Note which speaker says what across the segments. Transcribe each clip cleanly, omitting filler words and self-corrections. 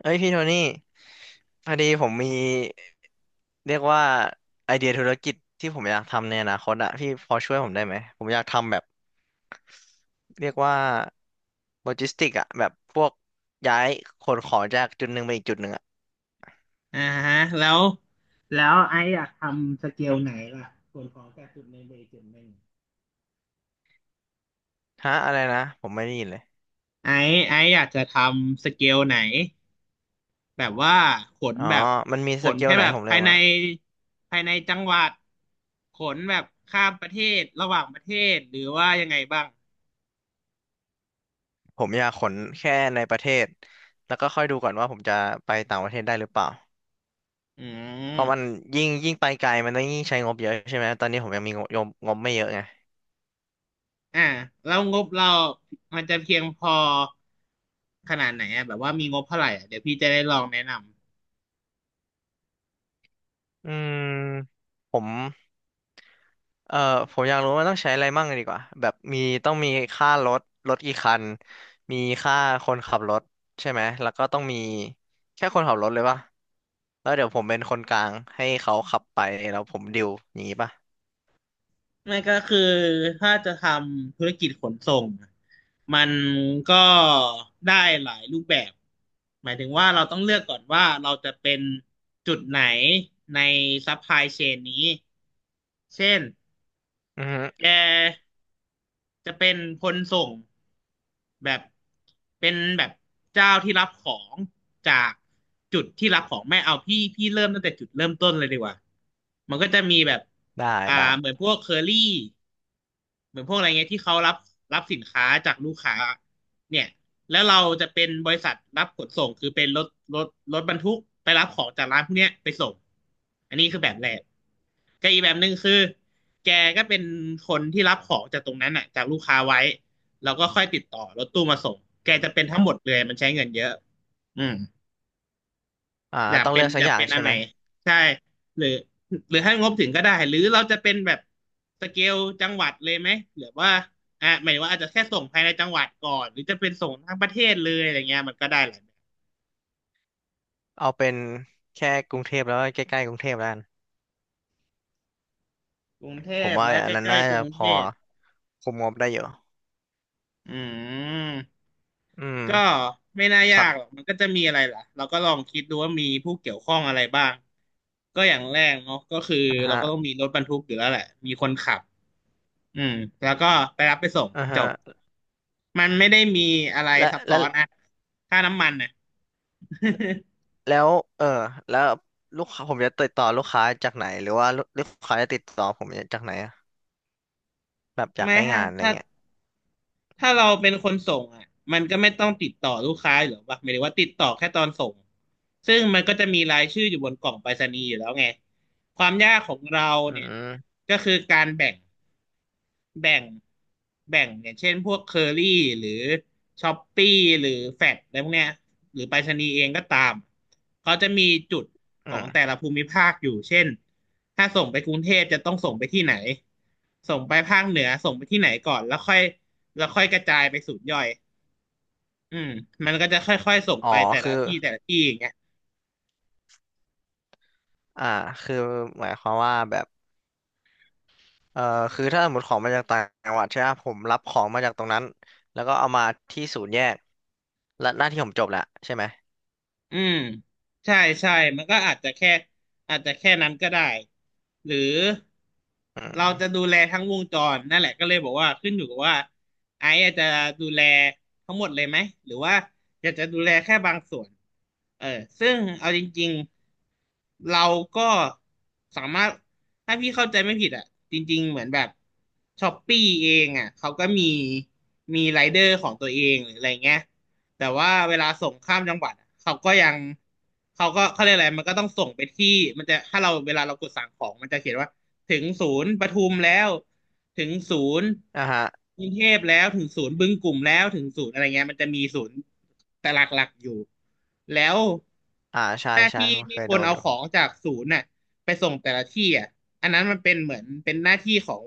Speaker 1: เอ้ยพี่โทนี่พอดีผมมีเรียกว่าไอเดียธุรกิจที่ผมอยากทำในอนาคตอะพี่พอช่วยผมได้ไหมผมอยากทำแบบเรียกว่าโลจิสติกอะแบบพวกย้ายขนของจากจุดหนึ่งไปอีกจุดหนึ่งอะ
Speaker 2: อ่าฮะแล้วแล้วไอซ์อยากทำสเกลไหนล่ะส่วนของแต่จุดหนึ่งไปอีกจุดหนึ่ง
Speaker 1: ฮะอะไรนะผมไม่ได้ยินเลย
Speaker 2: ไอซ์อยากจะทำสเกลไหนแบบว่าขน
Speaker 1: อ๋อ
Speaker 2: แบบ
Speaker 1: มันมี
Speaker 2: ข
Speaker 1: ส
Speaker 2: น
Speaker 1: เกล
Speaker 2: แค่
Speaker 1: ไหน
Speaker 2: แบ
Speaker 1: ให้
Speaker 2: บ
Speaker 1: ผมเลื
Speaker 2: ภา
Speaker 1: อ
Speaker 2: ย
Speaker 1: ก
Speaker 2: ใน
Speaker 1: มั้างอะ
Speaker 2: ภายในจังหวัดขนแบบข้ามประเทศระหว่างประเทศหรือว่ายังไงบ้าง
Speaker 1: ผมอยากขนแค่ในประเทศแล้วก็ค่อยดูก่อนว่าผมจะไปต่างประเทศได้หรือเปล่า
Speaker 2: อื
Speaker 1: เพราะมัน
Speaker 2: ม
Speaker 1: ยิ่งไปไกลมันต้องยิ่งใช้งบเยอะใช่ไหมตอนนี้ผมยังมีงบไม่เยอะไง
Speaker 2: อ่าแล้วงบเรามันจะเพียงพอขนาดไหนอะแบบว่ามีงบเท่าไหร่อะเดี๋ยวพี่จะได้ลองแนะนำ
Speaker 1: อืมผม เอ่อผมอยากรู้ว่ามันต้องใช้อะไรมั่งดีกว่าแบบมีต้องมีค่ารถรถกี่คันมีค่าคนขับรถใช่ไหมแล้วก็ต้องมีแค่คนขับรถเลยป่ะแล้วเดี๋ยวผมเป็นคนกลางให้เขาขับไปแล้วผมดิวอย่างงี้ป่ะ
Speaker 2: ไม่ก็คือถ้าจะทำธุรกิจขนส่งมันก็ได้หลายรูปแบบหมายถึงว่าเราต้องเลือกก่อนว่าเราจะเป็นจุดไหนในซัพพลายเชนนี้เช่น
Speaker 1: อือฮึ
Speaker 2: แกจะเป็นคนส่งแบบเป็นแบบเจ้าที่รับของจากจุดที่รับของไม่เอาพี่พี่เริ่มตั้งแต่จุดเริ่มต้นเลยดีกว่ามันก็จะมีแบบ
Speaker 1: ได้
Speaker 2: อ่า
Speaker 1: ได้
Speaker 2: เหมือนพวกเคอรี่ เหมือนพวกอะไรเงี้ยที่เขารับรับสินค้าจากลูกค้าเนี่ยแล้วเราจะเป็นบริษัทรับขนส่งคือเป็นรถรถรถบรรทุกไปรับของจากร้านพวกเนี้ยไปส่งอันนี้คือแบบแรกก็อีกแบบหนึ่งคือแกก็เป็นคนที่รับของจากตรงนั้นอ่ะจากลูกค้าไว้แล้วก็ค่อยติดต่อรถตู้มาส่งแกจะเป็นทั้งหมดเลยมันใช้เงินเยอะอืม
Speaker 1: อ่า
Speaker 2: อยาก
Speaker 1: ต้อง
Speaker 2: เป็
Speaker 1: เลื
Speaker 2: น
Speaker 1: อกสั
Speaker 2: อ
Speaker 1: ก
Speaker 2: ยา
Speaker 1: อ
Speaker 2: ก
Speaker 1: ย่าง
Speaker 2: เป็นอั
Speaker 1: ใช่
Speaker 2: นไห
Speaker 1: ไห
Speaker 2: น
Speaker 1: ม
Speaker 2: ใช่หรือหรือให้งบถึงก็ได้หรือเราจะเป็นแบบสเกลจังหวัดเลยไหมหรือว่าอ่ะหมายถึงว่าอาจจะแค่ส่งภายในจังหวัดก่อนหรือจะเป็นส่งทั้งประเทศเลยอะไรเงี้ยมันก็ได้หลายแบบ
Speaker 1: เอาเป็นแค่กรุงเทพแล้วก็ใกล้ๆกรุงเทพแล้วกัน
Speaker 2: กรุงเท
Speaker 1: ผม
Speaker 2: พ
Speaker 1: ว่า
Speaker 2: และ
Speaker 1: อันนั้น
Speaker 2: ใกล้
Speaker 1: น่า
Speaker 2: ๆก
Speaker 1: จะ
Speaker 2: รุง
Speaker 1: พ
Speaker 2: เท
Speaker 1: อ
Speaker 2: พ
Speaker 1: คุมงบได้อยู่
Speaker 2: อืม
Speaker 1: อืม
Speaker 2: ก็ไม่น่ายา
Speaker 1: สัก
Speaker 2: กหรอกมันก็จะมีอะไรล่ะเราก็ลองคิดดูว่ามีผู้เกี่ยวข้องอะไรบ้างก็อย่างแรกเนาะก็คือ
Speaker 1: นะ
Speaker 2: เรา
Speaker 1: ฮะ
Speaker 2: ก็ต้องมีรถบรรทุกอยู่แล้วแหละมีคนขับอืมแล้วก็ไปรับไปส่ง
Speaker 1: อ่า
Speaker 2: จ
Speaker 1: ฮะ
Speaker 2: บ มันไม่ได้มีอะไร
Speaker 1: และ
Speaker 2: ซับซ้
Speaker 1: และ
Speaker 2: อนอะค่าน้ำมันน่ะ
Speaker 1: แล้วเออแล้วลูกค้าผมจะติดต่อลูกค้าจากไหนหรือว่าลูกค้าจะติดต่อผมจากไหนอะแบบอยาก
Speaker 2: ไม่
Speaker 1: ได้
Speaker 2: ฮะ
Speaker 1: งานอะไรเงี้ย
Speaker 2: ถ้าเราเป็นคนส่งอ่ะมันก็ไม่ต้องติดต่อลูกค้าหรือยู่หรอกปะหมายถึงว่าติดต่อแค่ตอนส่ง ซึ่งมันก็จะมีรายชื่ออยู่บนกล่องไปรษณีย์อยู่แล้วไง ความยากของเรา
Speaker 1: อื
Speaker 2: เนี่ย
Speaker 1: ม
Speaker 2: ก็คือการแบ่ง แบ่งแบ่งอย่างเช่นพวกเคอรี่หรือช้อปปี้หรือแฟดอะไรพวกเนี้ยหรือไปรษณีย์เองก็ตามเขาจะมีจุดข
Speaker 1: อื
Speaker 2: องแต่
Speaker 1: ม
Speaker 2: ละภูมิภาคอยู่เช่นถ้าส่งไปกรุงเทพจะต้องส่งไปที่ไหนส่งไปภาคเหนือส่งไปที่ไหนก่อนแล้วค่อยกระจายไปศูนย์ย่อยอืมมันก็จะค่อยๆส่ง
Speaker 1: อ๋อ
Speaker 2: ไปแต่ละ
Speaker 1: คือ
Speaker 2: ที่แต่ละที่อย่างเงี้ย
Speaker 1: อ่าคือหมายความว่าแบบเออคือถ้าสมมติของมาจากต่างจังหวัดใช่ไหมผมรับของมาจากตรงนั้นแล้วก็เอามาที่ศูนย์แยกและหน้าที่ผมจบแล้วใช่ไหม
Speaker 2: อืมใช่ใช่มันก็อาจจะแค่นั้นก็ได้หรือ
Speaker 1: อื
Speaker 2: เรา
Speaker 1: ม
Speaker 2: จะดูแลทั้งวงจรนั่นแหละก็เลยบอกว่าขึ้นอยู่กับว่าไอซ์อาจจะดูแลทั้งหมดเลยไหมหรือว่าอยากจะดูแลแค่บางส่วนเออซึ่งเอาจริงๆเราก็สามารถถ้าพี่เข้าใจไม่ผิดอ่ะจริงๆเหมือนแบบช้อปปี้เองอ่ะเขาก็มีมีไรเดอร์ของตัวเองหรืออะไรเงี้ย แต่ว่าเวลาส่งข้ามจังหวัดอะเขาก็ยังเขาเรียกอะไรมันก็ต้องส่งไปที่มันจะถ้าเราเวลาเรากดสั่งของมันจะเขียนว่า ถึงศูนย์ปทุมแล้ว ถึงศูนย์
Speaker 1: อ่าฮะ
Speaker 2: กรุงเทพแล้ว ถึงศูนย์บึงกลุ่มแล้วถึงศูนย์อะไรเงี้ยมันจะมีศูนย์แต่หลักๆอยู่แล้ว
Speaker 1: อ่าใช่
Speaker 2: หน้า
Speaker 1: ใช่
Speaker 2: ที่
Speaker 1: ผมเค
Speaker 2: ที่
Speaker 1: ย
Speaker 2: ค
Speaker 1: โด
Speaker 2: น
Speaker 1: น
Speaker 2: เอา
Speaker 1: อยู่
Speaker 2: ของจากศูนย์น่ะ ไปส่งแต่ละที่อ่ะอันนั้นมันเป็นเหมือนเป็นหน้าที่ของ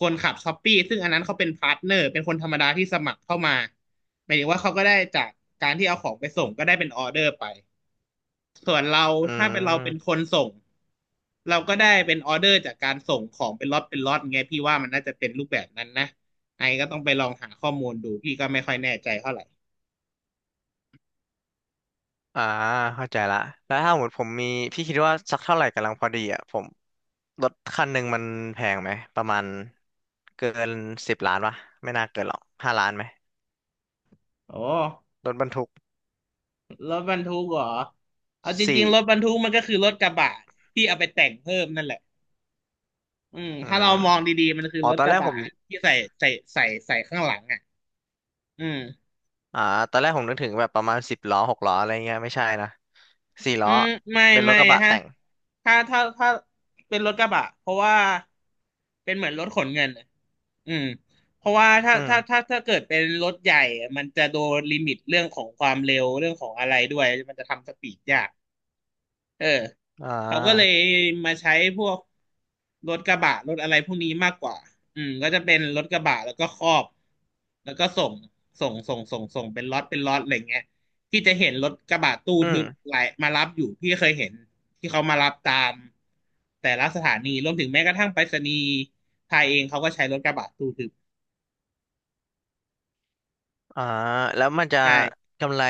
Speaker 2: คนขับช้อปปี้ซึ่งอันนั้นเขาเป็นพาร์ทเนอร์เป็นคนธรรมดาที่สมัครเข้ามาหมายถึงว่าเขาก็ได้จากการที่เอาของไปส่งก็ได้เป็นออเดอร์ไปส่วนเรา
Speaker 1: อื
Speaker 2: ถ้าเป็นเราเป็นค
Speaker 1: ม
Speaker 2: นส่งเราก็ได้เป็นออเดอร์จากการส่งของเป็นล็อตเป็นล็อตไงพี่ว่ามันน่าจะเป็นรูปแบบนั้นนะไอ้ก็ต้องไปลองหาข้อมูลดูพี่ก็ไม่ค่อยแน่ใจเท่าไหร่
Speaker 1: อ่าเข้าใจละแล้วถ้าสมมติผมมีพี่คิดว่าสักเท่าไหร่กำลังพอดีอ่ะผม รถคันหนึ่งมันแพงไหมประมาณเกินสิบล้านปะไม่น่าเกินหรอกห้าล้านไหม
Speaker 2: โอ้
Speaker 1: รถบรรทุก
Speaker 2: รถบรรทุกเหรอเอาจริ
Speaker 1: สี่
Speaker 2: งๆรถบรรทุกมันก็คือรถกระบะที่เอาไปแต่งเพิ่มนั่นแหละ อืม
Speaker 1: อื
Speaker 2: ถ้าเรา
Speaker 1: ม
Speaker 2: มองดีๆ มันคือ
Speaker 1: อ๋อ
Speaker 2: รถ
Speaker 1: ตอน
Speaker 2: ก
Speaker 1: แร
Speaker 2: ระ
Speaker 1: กผ
Speaker 2: บะ
Speaker 1: ม
Speaker 2: ที่ใส่ใส่ใส่ใส่ข้างหลังอ่ะอืม
Speaker 1: อ่าตอนแรกผมนึกถึงแบบประมาณสิบล้อหกล้ออะไรเงี้ยไม่ใช่นะสี่
Speaker 2: อื
Speaker 1: ล้อ
Speaker 2: มไม่
Speaker 1: เป็นรถ
Speaker 2: ไม่
Speaker 1: กระบะ
Speaker 2: ฮะ
Speaker 1: แต่ง
Speaker 2: ถ้าเป็นรถกระบะเพราะว่าเป็นเหมือนรถขนเงินอะอืมเพราะว่า
Speaker 1: อืม
Speaker 2: ถ้าเกิดเป็นรถใหญ่มันจะโดนลิมิตเรื่องของความเร็วเรื่องของอะไรด้วย มันจะทำสปีดยาก เออ
Speaker 1: อ่
Speaker 2: เขาก็เลย
Speaker 1: า
Speaker 2: มาใช้พวกรถกระบะรถอะไรพวกนี้มากกว่าอืมก็จะเป็นรถกระบะแล้วก็ครอบแล้วก็ส่งเป็นล็อตเป็นล็อตอะไรเงี้ยที่จะเห็นรถกระบะตู้
Speaker 1: อื
Speaker 2: ทึบ
Speaker 1: ม
Speaker 2: ไหลมารับอยู่พี่เคยเห็นที่เขามารับตามแต่ละสถานีรวมถึงแม้กระทั่งไปรษณีย์ไทยเองเขาก็ใช้รถกระบะตู้ทึบ
Speaker 1: อ่าแล้วมันจะ
Speaker 2: ใช่
Speaker 1: กำไร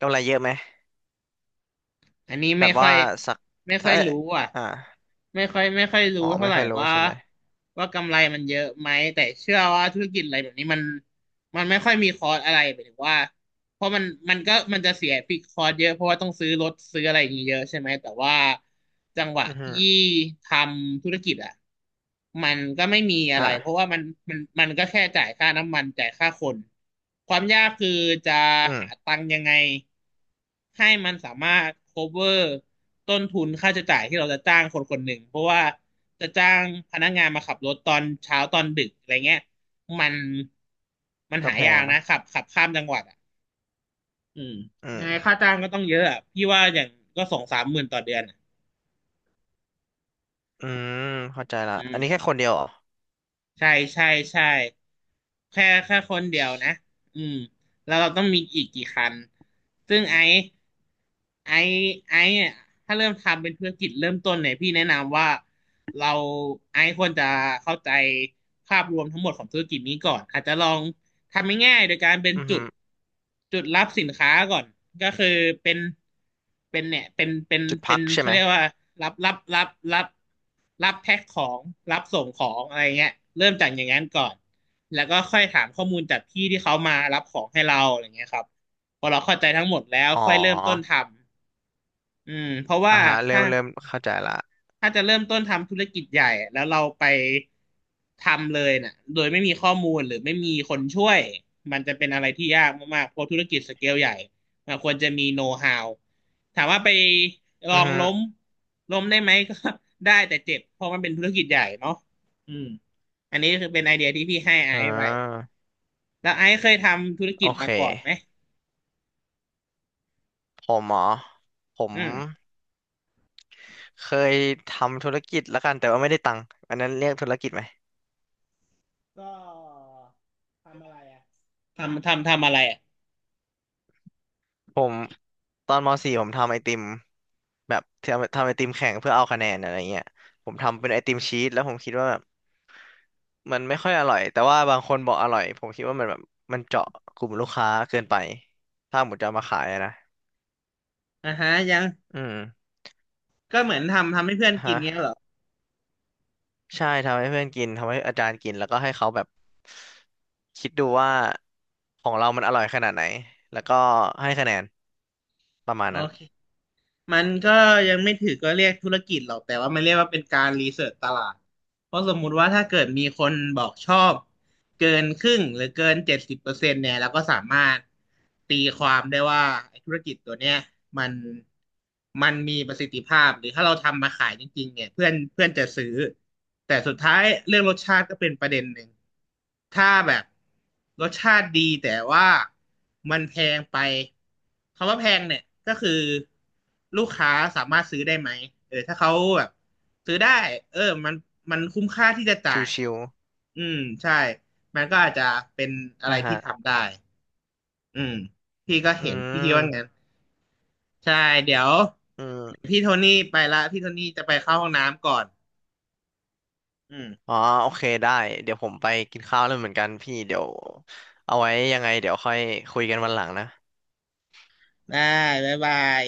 Speaker 1: เยอะไหม
Speaker 2: อันนี้
Speaker 1: แบ
Speaker 2: ไม่
Speaker 1: บ
Speaker 2: ค่อ
Speaker 1: ว่า
Speaker 2: ย
Speaker 1: สัก
Speaker 2: ไม่ค่
Speaker 1: ถ้า
Speaker 2: อยรู้อ่ะ
Speaker 1: อ่า
Speaker 2: ไม่ค่อยรู้
Speaker 1: อ๋อ
Speaker 2: เท่า
Speaker 1: ไม่
Speaker 2: ไหร่
Speaker 1: ค่อยรู้
Speaker 2: ว่า
Speaker 1: ใช่ไหม
Speaker 2: กำไรมันเยอะไหมแต่เชื่อว่าธุรกิจอะไรแบบนี้มันไม่ค่อยมีคอร์สอะไรหมายถึงว่าเพราะมันก็มันจะเสียฟิกคอร์สเยอะเพราะว่าต้องซื้อรถซื้ออะไรอย่างเงี้ยเยอะใช่ไหมแต่ว่าจังหวะ
Speaker 1: อือฮึ
Speaker 2: ที่ทำธุรกิจอ่ะมันก็ไม่มีอะไรเพราะ
Speaker 1: อ่า
Speaker 2: ว่ามันก็แค่จ่ายค่าน้ำมันจ่ายค่าคนความยากคือจะ
Speaker 1: อืม
Speaker 2: หาตังค์ยังไง ให้มันสามารถ cover ต้นทุนค่าใช้จ่ายที่เราจะจ้างคนคนหนึ่ง เพราะว่าจะจ้างพนักงานมาขับรถตอนเช้าตอนดึกอะไรเงี้ย มันมัน
Speaker 1: ก็
Speaker 2: หา
Speaker 1: แพ
Speaker 2: ยา
Speaker 1: ง
Speaker 2: กนะ
Speaker 1: ปะ
Speaker 2: ขับข้ามจังหวัดอ่ะอืม
Speaker 1: อื
Speaker 2: ยั
Speaker 1: ม
Speaker 2: งไงค่าจ้างก็ต้องเยอะอะ พี่ว่าอย่างก็สองสามหมื่นต่อเดือนอะ
Speaker 1: อืมเข้าใจละ
Speaker 2: อื
Speaker 1: อั
Speaker 2: ม
Speaker 1: นนี้แค่คนเดียวเหรอ
Speaker 2: ใช่ใช่ใช่แค่คนเดี
Speaker 1: ช
Speaker 2: ยวนะอืมแล้วเราต้องมีอีกกี่คันซึ่งไอ้ไอ้เนี่ยถ้าเริ่มทำเป็นธุรกิจเริ่มต้นเนี่ยพี่แนะนำว่าเราไอ้ควรจะเข้าใจภาพรวมทั้งหมดของธุรกิจนี้ก่อนอาจจะลอง ทำง่ายๆโดยการเป็น
Speaker 1: อือ
Speaker 2: จุ
Speaker 1: ฮึ
Speaker 2: ดจุดรับสินค้าก่อนก็คือเป็นเป็นเนี่ยเป็นเป็น
Speaker 1: จุด
Speaker 2: เป็
Speaker 1: พั
Speaker 2: น
Speaker 1: กใช่
Speaker 2: เขา
Speaker 1: ไหม
Speaker 2: เรียกว่ารับรับรับรับรับแพ็คของรับส่งของอะไรเงี้ยเริ่มจากอย่างนั้นก่อนแล้วก็ค่อยถามข้อมูลจากพี่ที่เขามารับของให้เราอะไรเงี้ยครับพอเราเข้าใจทั้งหมดแล้ว
Speaker 1: อ๋อ
Speaker 2: ค่อยเริ่มต้นทำอืมเพราะว่า
Speaker 1: อ่าฮะ
Speaker 2: ถ้า
Speaker 1: เริ่มเข้าใจละ
Speaker 2: ถ้าจะเริ่มต้นทำธุรกิจใหญ่แล้วเราไปทำเลยน่ะโดยไม่มีข้อมูลหรือไม่มีคนช่วยมันจะเป็นอะไรที่ยากมากๆเพราะธุรกิจสเกลใหญ่มันควรจะมีโน้ตฮาวถามว่าไปลอ
Speaker 1: อือ
Speaker 2: ง
Speaker 1: ฮึ
Speaker 2: ล้มล้มได้ไหมก็ ได้แต่เจ็บเพราะมันเป็นธุรกิจใหญ่เนาะอืมอันนี้คือเป็นไอเดียที่พี่ให้ไอ
Speaker 1: อ่
Speaker 2: ซ์ไป
Speaker 1: า
Speaker 2: แล้วไอซ์เคยทำธุร
Speaker 1: โอ
Speaker 2: กิจ
Speaker 1: เค
Speaker 2: มาก่อนไหม
Speaker 1: ผมเหรอผม
Speaker 2: อืม
Speaker 1: เคยทำธุรกิจละกันแต่ว่าไม่ได้ตังค์อันนั้นเรียกธุรกิจไหม
Speaker 2: ก็ทำอะไรอ่ะทำอะไรอ่ะ
Speaker 1: ผมตอนม .4 ผมทำไอติมแบบทำไอติมแข่งเพื่อเอาคะแนนอะไรเงี้ยผมทำเป็นไอติมชีสแล้วผมคิดว่าแบบ มันไม่ค่อยอร่อยแต่ว่าบางคนบอกอร่อยผมคิดว่ามันแบบมันเจาะกลุ่มลูกค้าเกินไปถ้าหมดจะเอามาขายอะนะ
Speaker 2: อ่าฮะยัง
Speaker 1: อืม
Speaker 2: ก็เหมือนทำให้เพื่อนกินเงี้ย
Speaker 1: ฮะ
Speaker 2: เหรอ
Speaker 1: ใช่ทำให้เพื่อนกินทำให้อาจารย์กินแล้วก็ให้เขาแบบคิดดูว่าของเรามันอร่อยขนาดไหนแล้วก็ให้คะแนนประมาณ
Speaker 2: โอ
Speaker 1: นั้น
Speaker 2: เคมันก็ยังไม่ถือก็เรียกธุรกิจหรอกแต่ว่ามันเรียกว่าเป็นการรีเสิร์ชตลาดเพราะสมมุติว่าถ้าเกิดมีคนบอกชอบ เกินครึ่งหรือเกิน70%เนี่ยเราก็สามารถตีความได้ว่าไอ้ธุรกิจตัวเนี้ยมันมันมีประสิทธิภาพหรือถ้าเราทำมาขายจริงๆเนี่ยเพื่อนเพื่อนจะซื้อแต่สุดท้ายเรื่องรสชาติก็เป็นประเด็นหนึ่งถ้าแบบรสชาติดีแต่ว่ามันแพงไปคำว่าแพงเนี่ยก็คือลูกค้าสามารถซื้อได้ไหมเออถ้าเขาแบบซื้อได้เออมันคุ้มค่าที่จะจ่าย
Speaker 1: ชิว
Speaker 2: อืมใช่มันก็อาจจะเป็น
Speaker 1: ๆ
Speaker 2: อะไร
Speaker 1: อ่ะ
Speaker 2: ที่
Speaker 1: ฮะ
Speaker 2: ทำได้อืมพี่ก็
Speaker 1: อื
Speaker 2: เห็นพี่คิดว่างั้
Speaker 1: ม
Speaker 2: นใช่เดี๋ยว
Speaker 1: อื
Speaker 2: เดี๋ยว
Speaker 1: ม
Speaker 2: พี่โทนี่ไปละพี่โทนี่จะไปเข้าห้องน้ำก่อนอืม
Speaker 1: อ๋อโอเคได้เดี๋ยวผมไปกินข้าวแล้วเหมือนกันพี่เดี๋ยวเอาไว้ยังไงเดี๋ยวค่อยคุยกันวันหลังนะ
Speaker 2: ได้บ๊ายบาย